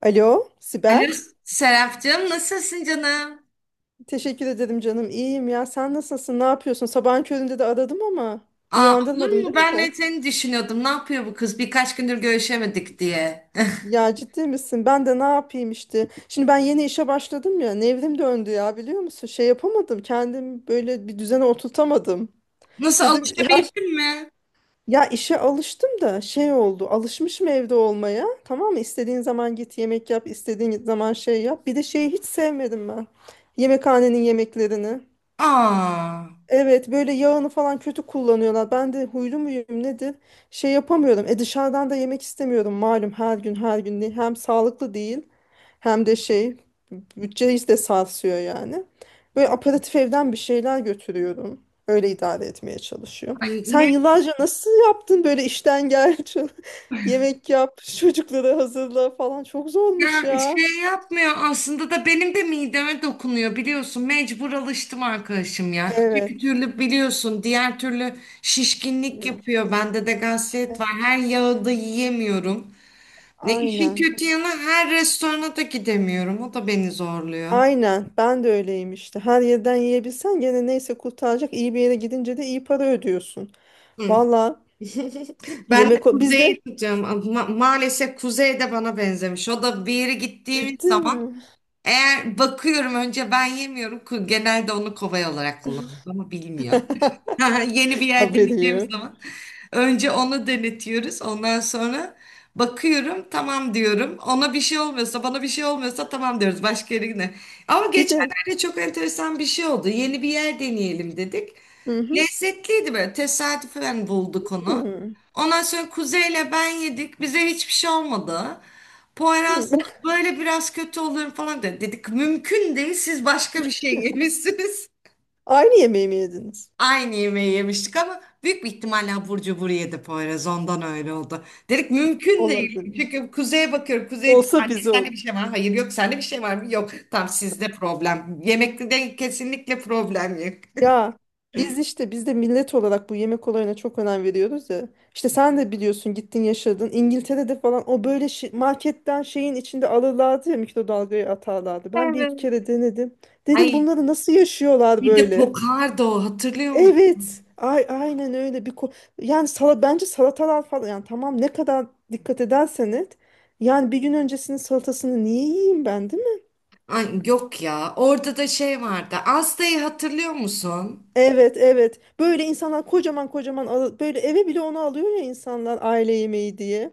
Alo, Sibel. Alo Serapcığım, nasılsın canım? Teşekkür ederim canım. İyiyim ya. Sen nasılsın? Ne yapıyorsun? Sabahın köründe de aradım ama Aa, olur uyandırmadım mu? değil Ben de mi? seni düşünüyordum. Ne yapıyor bu kız? Birkaç gündür görüşemedik diye. Ya ciddi misin? Ben de ne yapayım işte. Şimdi ben yeni işe başladım ya. Nevrim döndü ya biliyor musun? Şey yapamadım. Kendim böyle bir düzene oturtamadım. Nasıl Dedim ya, alışabildin mi? ya işe alıştım da şey oldu. Alışmışım evde olmaya. Tamam mı? İstediğin zaman git yemek yap. İstediğin zaman şey yap. Bir de şeyi hiç sevmedim ben. Yemekhanenin yemeklerini. Aa, Evet böyle yağını falan kötü kullanıyorlar. Ben de huylu muyum nedir? Şey yapamıyorum. E dışarıdan da yemek istemiyorum, malum her gün her gün değil. Hem sağlıklı değil hem de şey, bütçeyi de sarsıyor yani. Böyle aparatif evden bir şeyler götürüyorum. Öyle idare etmeye çalışıyorum. ay Sen ne yıllarca nasıl yaptın böyle işten gel yemek yap çocukları hazırla falan çok zormuş ya, ya. şey yapmıyor aslında da benim de mideme dokunuyor biliyorsun. Mecbur alıştım arkadaşım ya. Öteki Evet. türlü biliyorsun, diğer türlü şişkinlik yapıyor. Bende de gaziyet var. Her yağı da yiyemiyorum. Ve işin Aynen. kötü yanı, her restorana da gidemiyorum. O da beni zorluyor. Aynen ben de öyleyim işte. Her yerden yiyebilsen gene neyse kurtaracak. İyi bir yere gidince de iyi para ödüyorsun. Hı, Valla ben de yemek o kuzeyi bizde tutacağım. Maalesef kuzey de bana benzemiş. O da bir yere gittiğimiz ciddi zaman mi? eğer bakıyorum önce ben yemiyorum. Genelde onu kovay olarak kullanıyorum ama bilmiyor. Ha, yeni bir yer Haberi deneyeceğimiz yok. zaman önce onu denetiyoruz. Ondan sonra bakıyorum tamam diyorum. Ona bir şey olmuyorsa, bana bir şey olmuyorsa tamam diyoruz başka yerine. Ama Bir de geçenlerde çok enteresan bir şey oldu. Yeni bir yer deneyelim dedik. hı hı, Lezzetliydi, böyle tesadüfen bulduk onu. hı Ondan sonra Kuzey'le ben yedik. Bize hiçbir şey olmadı. hı. Poyraz böyle biraz kötü oluyorum falan dedi. Dedik mümkün değil, siz başka bir şey yemişsiniz. Aynı yemeği mi yediniz? Aynı yemeği yemiştik ama büyük bir ihtimalle abur cubur yedi Poyraz. Ondan öyle oldu. Dedik mümkün değil. Olabilir. Çünkü kuzeye bakıyorum. Kuzey diyor, Olsa anne bize sende olur. bir şey var mı? Hayır yok, sende bir şey var mı? Yok. Tam sizde problem. Yemekte de kesinlikle problem yok. Ya biz işte biz de millet olarak bu yemek olayına çok önem veriyoruz ya. İşte sen de biliyorsun gittin yaşadın. İngiltere'de falan o böyle marketten şeyin içinde alırlardı ya, mikrodalgayı atarlardı. Ben bir iki Evet. kere denedim. Dedim Ay, bunları nasıl yaşıyorlar bir de böyle? kokardı o, hatırlıyor musun? Evet. Ay aynen öyle bir yani sala bence salatalar falan yani tamam, ne kadar dikkat edersen et. Yani bir gün öncesinin salatasını niye yiyeyim ben, değil. Ay, yok ya, orada da şey vardı. Asta'yı hatırlıyor musun? Evet evet. Böyle insanlar kocaman kocaman böyle eve bile onu alıyor ya insanlar, aile yemeği diye.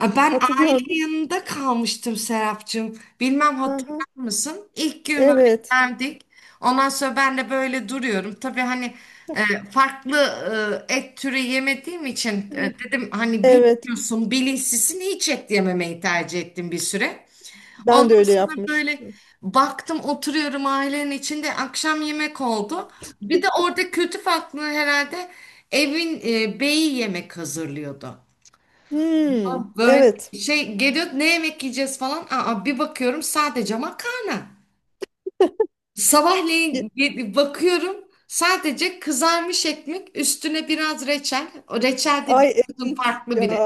Aa, ben Hatırlıyor aile musun? yanında kalmıştım Serapcığım. Bilmem Aha, hatırlar mısın? İlk gün böyle evet. geldik. Ondan sonra ben de böyle duruyorum. Tabii hani, e, farklı et türü yemediğim için Hı. dedim hani Evet. bilmiyorsun bilinçsizsin, hiç et yememeyi tercih ettim bir süre. Ben de Ondan öyle sonra böyle yapmıştım. baktım, oturuyorum ailenin içinde, akşam yemek oldu. Bir de orada kültür farklılığı herhalde, evin beyi yemek hazırlıyordu. Hmm, Böyle evet. şey geliyor, ne yemek yiyeceğiz falan. Aa, bir bakıyorum sadece makarna. Ye- Sabahleyin bakıyorum sadece kızarmış ekmek, üstüne biraz reçel. O reçel de Ay bir kızın, evet farklı ya. biri.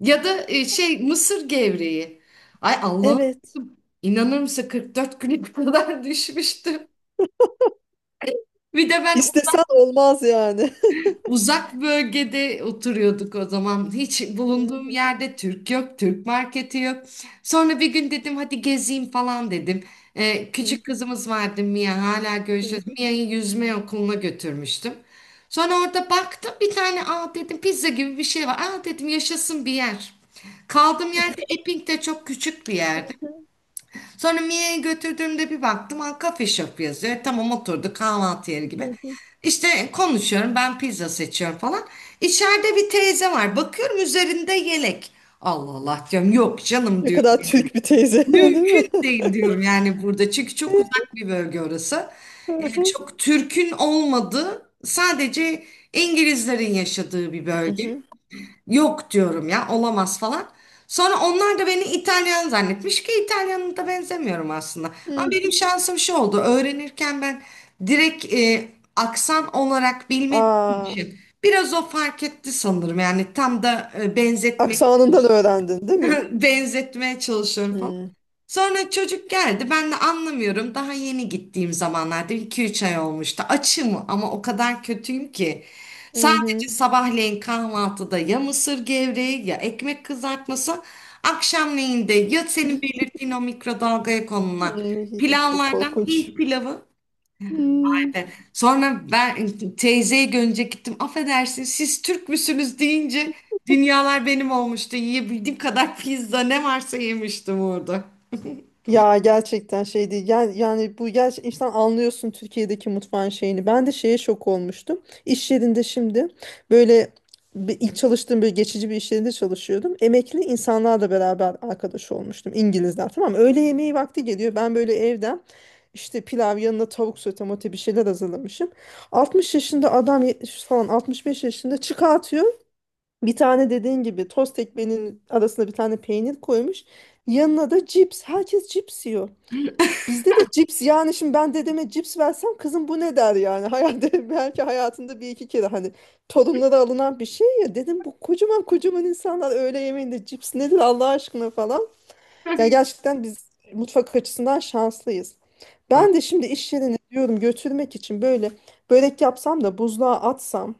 Ya da şey, mısır gevreği. Ay Allah'ım, Evet. inanır mısın 44 güne kadar düşmüştüm. Bir de ben İstesen olmaz yani. uzak bölgede oturuyorduk o zaman. Hiç Hı bulunduğum hı, yerde Türk yok, Türk marketi yok. Sonra bir gün dedim hadi gezeyim falan dedim. Ee, hı küçük hı, kızımız vardı Mia, hala hı görüşüyoruz. hı, Mia'yı yüzme okuluna götürmüştüm. Sonra orada baktım bir tane, aa dedim pizza gibi bir şey var. Aa dedim, yaşasın bir yer. Kaldığım yerde, Epping'de, çok küçük bir yerde. Sonra Mia'ya götürdüğümde bir baktım, ha, kafe shop yazıyor. Tamam, oturduk kahvaltı yeri gibi. hı hı. İşte konuşuyorum, ben pizza seçiyorum falan. İçeride bir teyze var. Bakıyorum üzerinde yelek. Allah Allah diyorum, yok canım Ne diyorum. kadar Türk bir teyze, değil mi? Mümkün değil diyorum yani burada. Çünkü çok uzak bir bölge orası. Hı Yani hı, çok Türk'ün olmadığı, sadece İngilizlerin yaşadığı bir hı bölge. hı, Yok diyorum ya, olamaz falan. Sonra onlar da beni İtalyan zannetmiş ki İtalyan'a da benzemiyorum aslında. hı Ama hı. benim şansım şu oldu: öğrenirken ben direkt aksan olarak bilmediğim Aa, için biraz o fark etti sanırım. Yani tam da benzetmeye aksanından öğrendin, değil mi? benzetmeye çalışıyorum. Hı. Sonra çocuk geldi. Ben de anlamıyorum. Daha yeni gittiğim zamanlarda, 2-3 ay olmuştu. Açım ama o kadar kötüyüm ki, Hı sadece hı. sabahleyin kahvaltıda ya mısır gevreği ya ekmek kızartması. Akşamleyin de ya senin belirttiğin, o mikrodalgaya konulan Hmm, çok pilavlardan, korkunç. Hint pilavı. Hmm. Evet. Sonra ben teyzeye görünce gittim. Affedersin, siz Türk müsünüz deyince dünyalar benim olmuştu. Yiyebildiğim kadar pizza, ne varsa yemiştim orada. Ya gerçekten şey değil. Yani, yani bu gerçek, insan anlıyorsun Türkiye'deki mutfağın şeyini. Ben de şeye şok olmuştum. İş yerinde şimdi böyle bir, ilk çalıştığım böyle geçici bir iş yerinde çalışıyordum. Emekli insanlarla beraber arkadaş olmuştum. İngilizler tamam mı? Öğle yemeği vakti geliyor. Ben böyle evden işte pilav yanına tavuk sote mote bir şeyler hazırlamışım. 60 yaşında adam 70 falan, 65 yaşında çıkartıyor. Bir tane dediğin gibi tost ekmeğinin arasına bir tane peynir koymuş. Yanına da cips. Herkes cips yiyor. Bizde de cips, yani şimdi ben dedeme cips versem, kızım bu ne der yani. Hayatta belki hayatında bir iki kere hani torunlara alınan bir şey ya. Dedim bu kocaman kocaman insanlar öğle yemeğinde cips nedir Allah aşkına falan. Ya gerçekten biz mutfak açısından şanslıyız. Ben de şimdi iş yerine diyorum götürmek için böyle börek yapsam da buzluğa atsam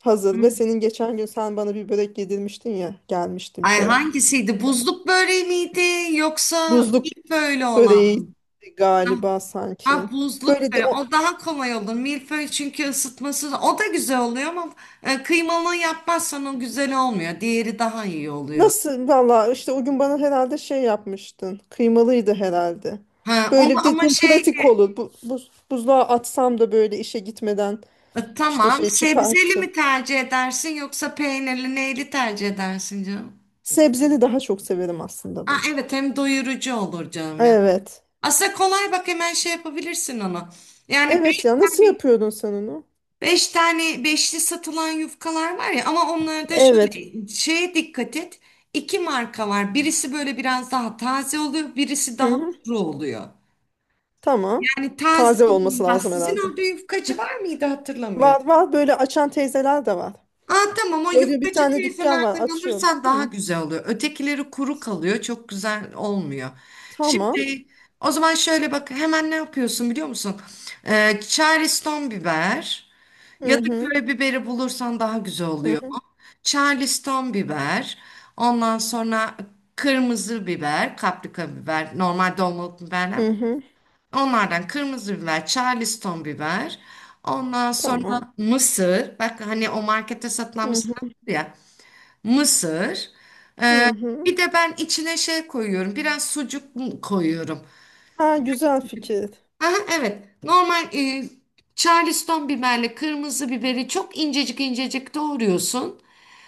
hazır, ve senin geçen gün sen bana bir börek yedirmiştin ya, gelmiştim Ay, çaya. hangisiydi? Buzluk böreği miydi yoksa Buzluk milföylü olan? böreği Ha, galiba ha, sanki. buzluk Böyle de böreği. o O daha kolay olur. Milföy, çünkü ısıtması o da güzel oluyor ama kıymalı yapmazsan o güzel olmuyor. Diğeri daha iyi oluyor. nasıl valla, işte o gün bana herhalde şey yapmıştın. Kıymalıydı herhalde. Ha, onu Böyle ama dedim şey, pratik olur. Buzluğa atsam da böyle işe gitmeden işte tamam, şey sebzeli çıkart. mi tercih edersin yoksa peynirli neyli tercih edersin canım? Sebzeli daha çok severim aslında Ha, ben. evet, hem doyurucu olur canım ya. Evet. Aslında kolay, bak hemen şey yapabilirsin onu. Yani beş Evet ya nasıl tane yapıyordun sen onu? Beş tane beşli satılan yufkalar var ya, ama onlarda Evet. şöyle şeye dikkat et. İki marka var. Birisi böyle biraz daha taze oluyor, birisi Hı daha hı. kuru oluyor. Tamam. Yani taze Taze olması olanından, lazım sizin herhalde. orada yufkacı var mıydı hatırlamıyorum. Var var, böyle açan teyzeler de var. Aa tamam, o Gördüğü bir yufkacı tane dükkan var, teyzelerden açıyorum. alırsan daha Hı. güzel oluyor. Ötekileri kuru kalıyor, çok güzel olmuyor. Tamam. Şimdi o zaman şöyle bak, hemen ne yapıyorsun biliyor musun? Çareston biber. Ya Hı da hı. köy biberi bulursan daha güzel Hı oluyor. hı. Charleston biber, ondan sonra kırmızı biber, kaprika biber, normal dolmalık biberler. Hı hı. Onlardan kırmızı biber, Charleston biber. Ondan sonra Tamam. mısır. Bak hani o markette satılan Hı mısır var hı. ya. Mısır. Hı hı. Bir de ben içine şey koyuyorum. Biraz sucuk koyuyorum. Ha güzel fikir. Aha, evet. Normal Charleston biberle kırmızı biberi çok incecik incecik doğruyorsun.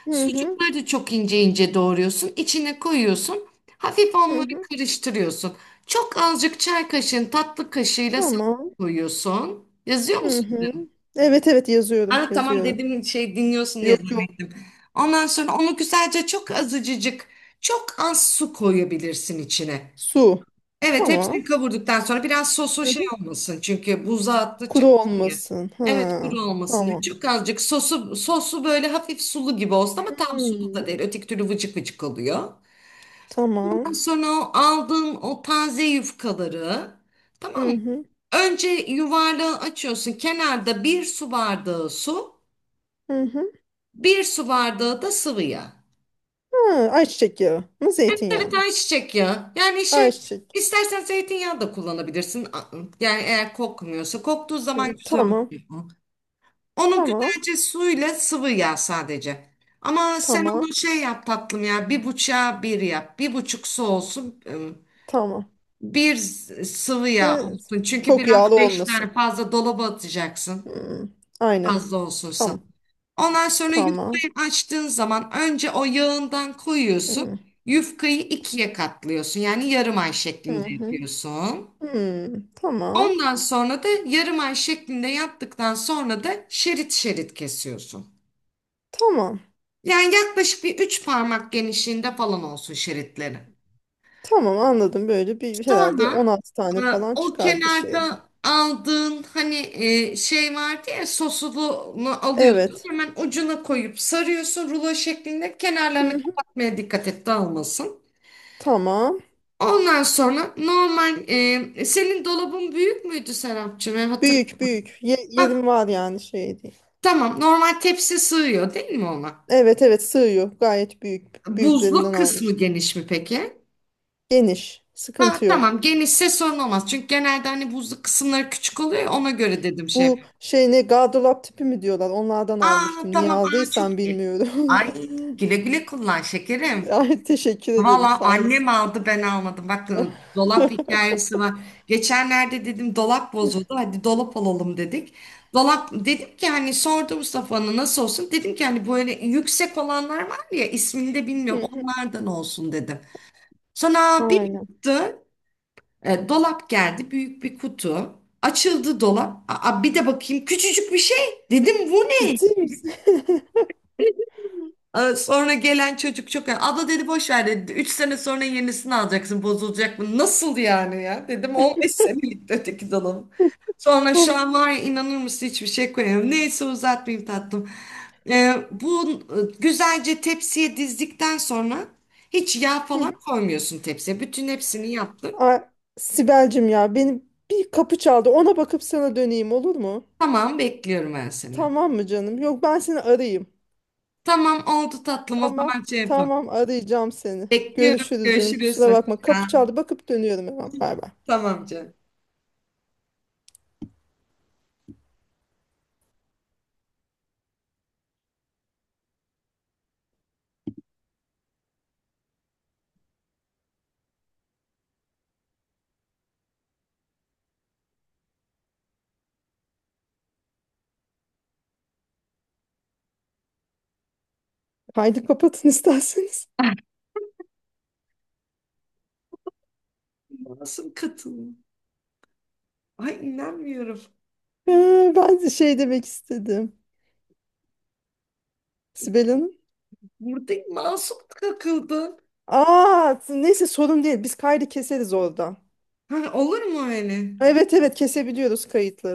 Hı hı. Sucukları da çok ince ince doğruyorsun. İçine koyuyorsun. Hafif Hı onları hı. karıştırıyorsun. Çok azıcık, çay kaşığın, tatlı kaşığıyla sen Tamam. koyuyorsun. Yazıyor Hı musun? hı. Evet evet yazıyorum Aa, tamam, yazıyorum. dedim şey dinliyorsun diye Yok yok. zannettim. Ondan sonra onu güzelce, çok az su koyabilirsin içine. Su. Evet, Tamam. hepsini kavurduktan sonra biraz sosu şey olmasın. Çünkü buza attıkça Kuru kuru ya. olmasın. Ha, Evet, kuru olmasın. tamam. Çok azıcık sosu böyle hafif sulu gibi olsun, ama tam sulu Hmm, da değil. Öteki türlü vıcık vıcık oluyor. tamam. Ondan sonra o aldığın o taze yufkaları, tamam mı? Hı hı, Önce yuvarlağı açıyorsun. Kenarda bir su bardağı su, hı hı. bir su bardağı da sıvı yağ. Ha, ayçiçek yağı mı, zeytinyağı Evet, mı? ay çiçek ya. Yani şey, Ayçiçek. istersen zeytinyağı da kullanabilirsin. Yani eğer kokmuyorsa. Koktuğu zaman Hı, güzel tamam, oluyor. Onu tamam, güzelce, suyla sıvı yağ sadece. Ama sen tamam, onu şey yap tatlım ya. Bir buçuğa bir yap. Bir buçuk su olsun. Tamam. Bir sıvı yağ De, olsun. Çünkü çok biraz, yağlı beş tane olmasın. fazla dolaba atacaksın. Hmm, aynen. Fazla olsun. Tamam, Ondan sonra tamam. yufkayı açtığın zaman önce o yağından koyuyorsun. Hı Yufkayı ikiye katlıyorsun. Yani yarım ay hı, şeklinde hı. yapıyorsun. Hmm, tamam, Ondan sonra da yarım ay şeklinde yaptıktan sonra da şerit şerit kesiyorsun. tamam. Yani yaklaşık bir 3 parmak genişliğinde falan olsun şeritleri. Tamam anladım, böyle bir herhalde Sonra 16 e, tane falan o çıkar bir şeydi. kenarda aldığın hani şey vardı ya, sosunu alıyorsun. Evet. Hemen ucuna koyup sarıyorsun rulo şeklinde. Hı Kenarlarını hı. kapatmaya dikkat et, dağılmasın. Tamam. Ondan sonra normal, senin dolabın büyük müydü Serapcığım? E, Büyük hatırlıyorum. büyük. Ye Ha, yerim var yani, şey değil. tamam, normal tepsi sığıyor değil mi ona? Evet evet sığıyor. Gayet büyük. Buzluk Büyüklerinden kısmı almıştım. geniş mi peki? Geniş. Ha, Sıkıntı tamam, yok. genişse sorun olmaz. Çünkü genelde hani buzluk kısımları küçük oluyor ya, ona göre dedim şey. Bu şey ne, gardırop tipi mi diyorlar? Onlardan Aa almıştım. Niye tamam, aa çok aldıysam iyi. bilmiyorum. Ay, güle güle kullan şekerim. Ay, teşekkür ederim. Valla Sağ annem olasın. aldı, ben almadım. Bak, dolap hikayesi var. Geçenlerde dedim dolap bozuldu. Hadi dolap alalım dedik. Dolap, dedim ki hani sordu Mustafa'nın nasıl olsun? Dedim ki hani böyle yüksek olanlar var ya, ismini de Hı bilmiyorum, hı. onlardan olsun dedim. Sonra bir Aynen. baktı, dolap geldi, büyük bir kutu. Açıldı dolap. Aa, bir de bakayım, küçücük bir şey. Dedim bu ne? Ciddi misin? Sonra gelen çocuk, çok abla dedi, boş ver dedi, 3 sene sonra yenisini alacaksın, bozulacak. Bu nasıl yani ya, dedim 15 senelik öteki dolabım. Sonra şu Hım, an var ya, inanır mısın, hiçbir şey koyamıyorum. Neyse, uzatmayayım tatlım. Bu güzelce tepsiye dizdikten sonra hiç yağ hı falan hı. koymuyorsun tepsiye, bütün hepsini yaptım. Ay, Sibel'cim ya, benim bir kapı çaldı. Ona bakıp sana döneyim olur mu? Tamam, bekliyorum ben seni. Tamam mı canım? Yok ben seni arayayım. Tamam, oldu tatlım, o Tamam. zaman şey yapalım. Tamam arayacağım seni. Bekliyorum, Görüşürüz canım. görüşürüz, Kusura hoşça bakma. Kapı kal. çaldı. Bakıp dönüyorum hemen. Bay bay. Tamam canım. Haydi kapatın isterseniz. Nasıl katılım. Ay inanmıyorum. Ben de şey demek istedim. Sibel Hanım. Burada masum takıldı. Aa, neyse sorun değil. Biz kaydı keseriz oradan. Ha, olur mu öyle? Evet evet kesebiliyoruz kayıtları.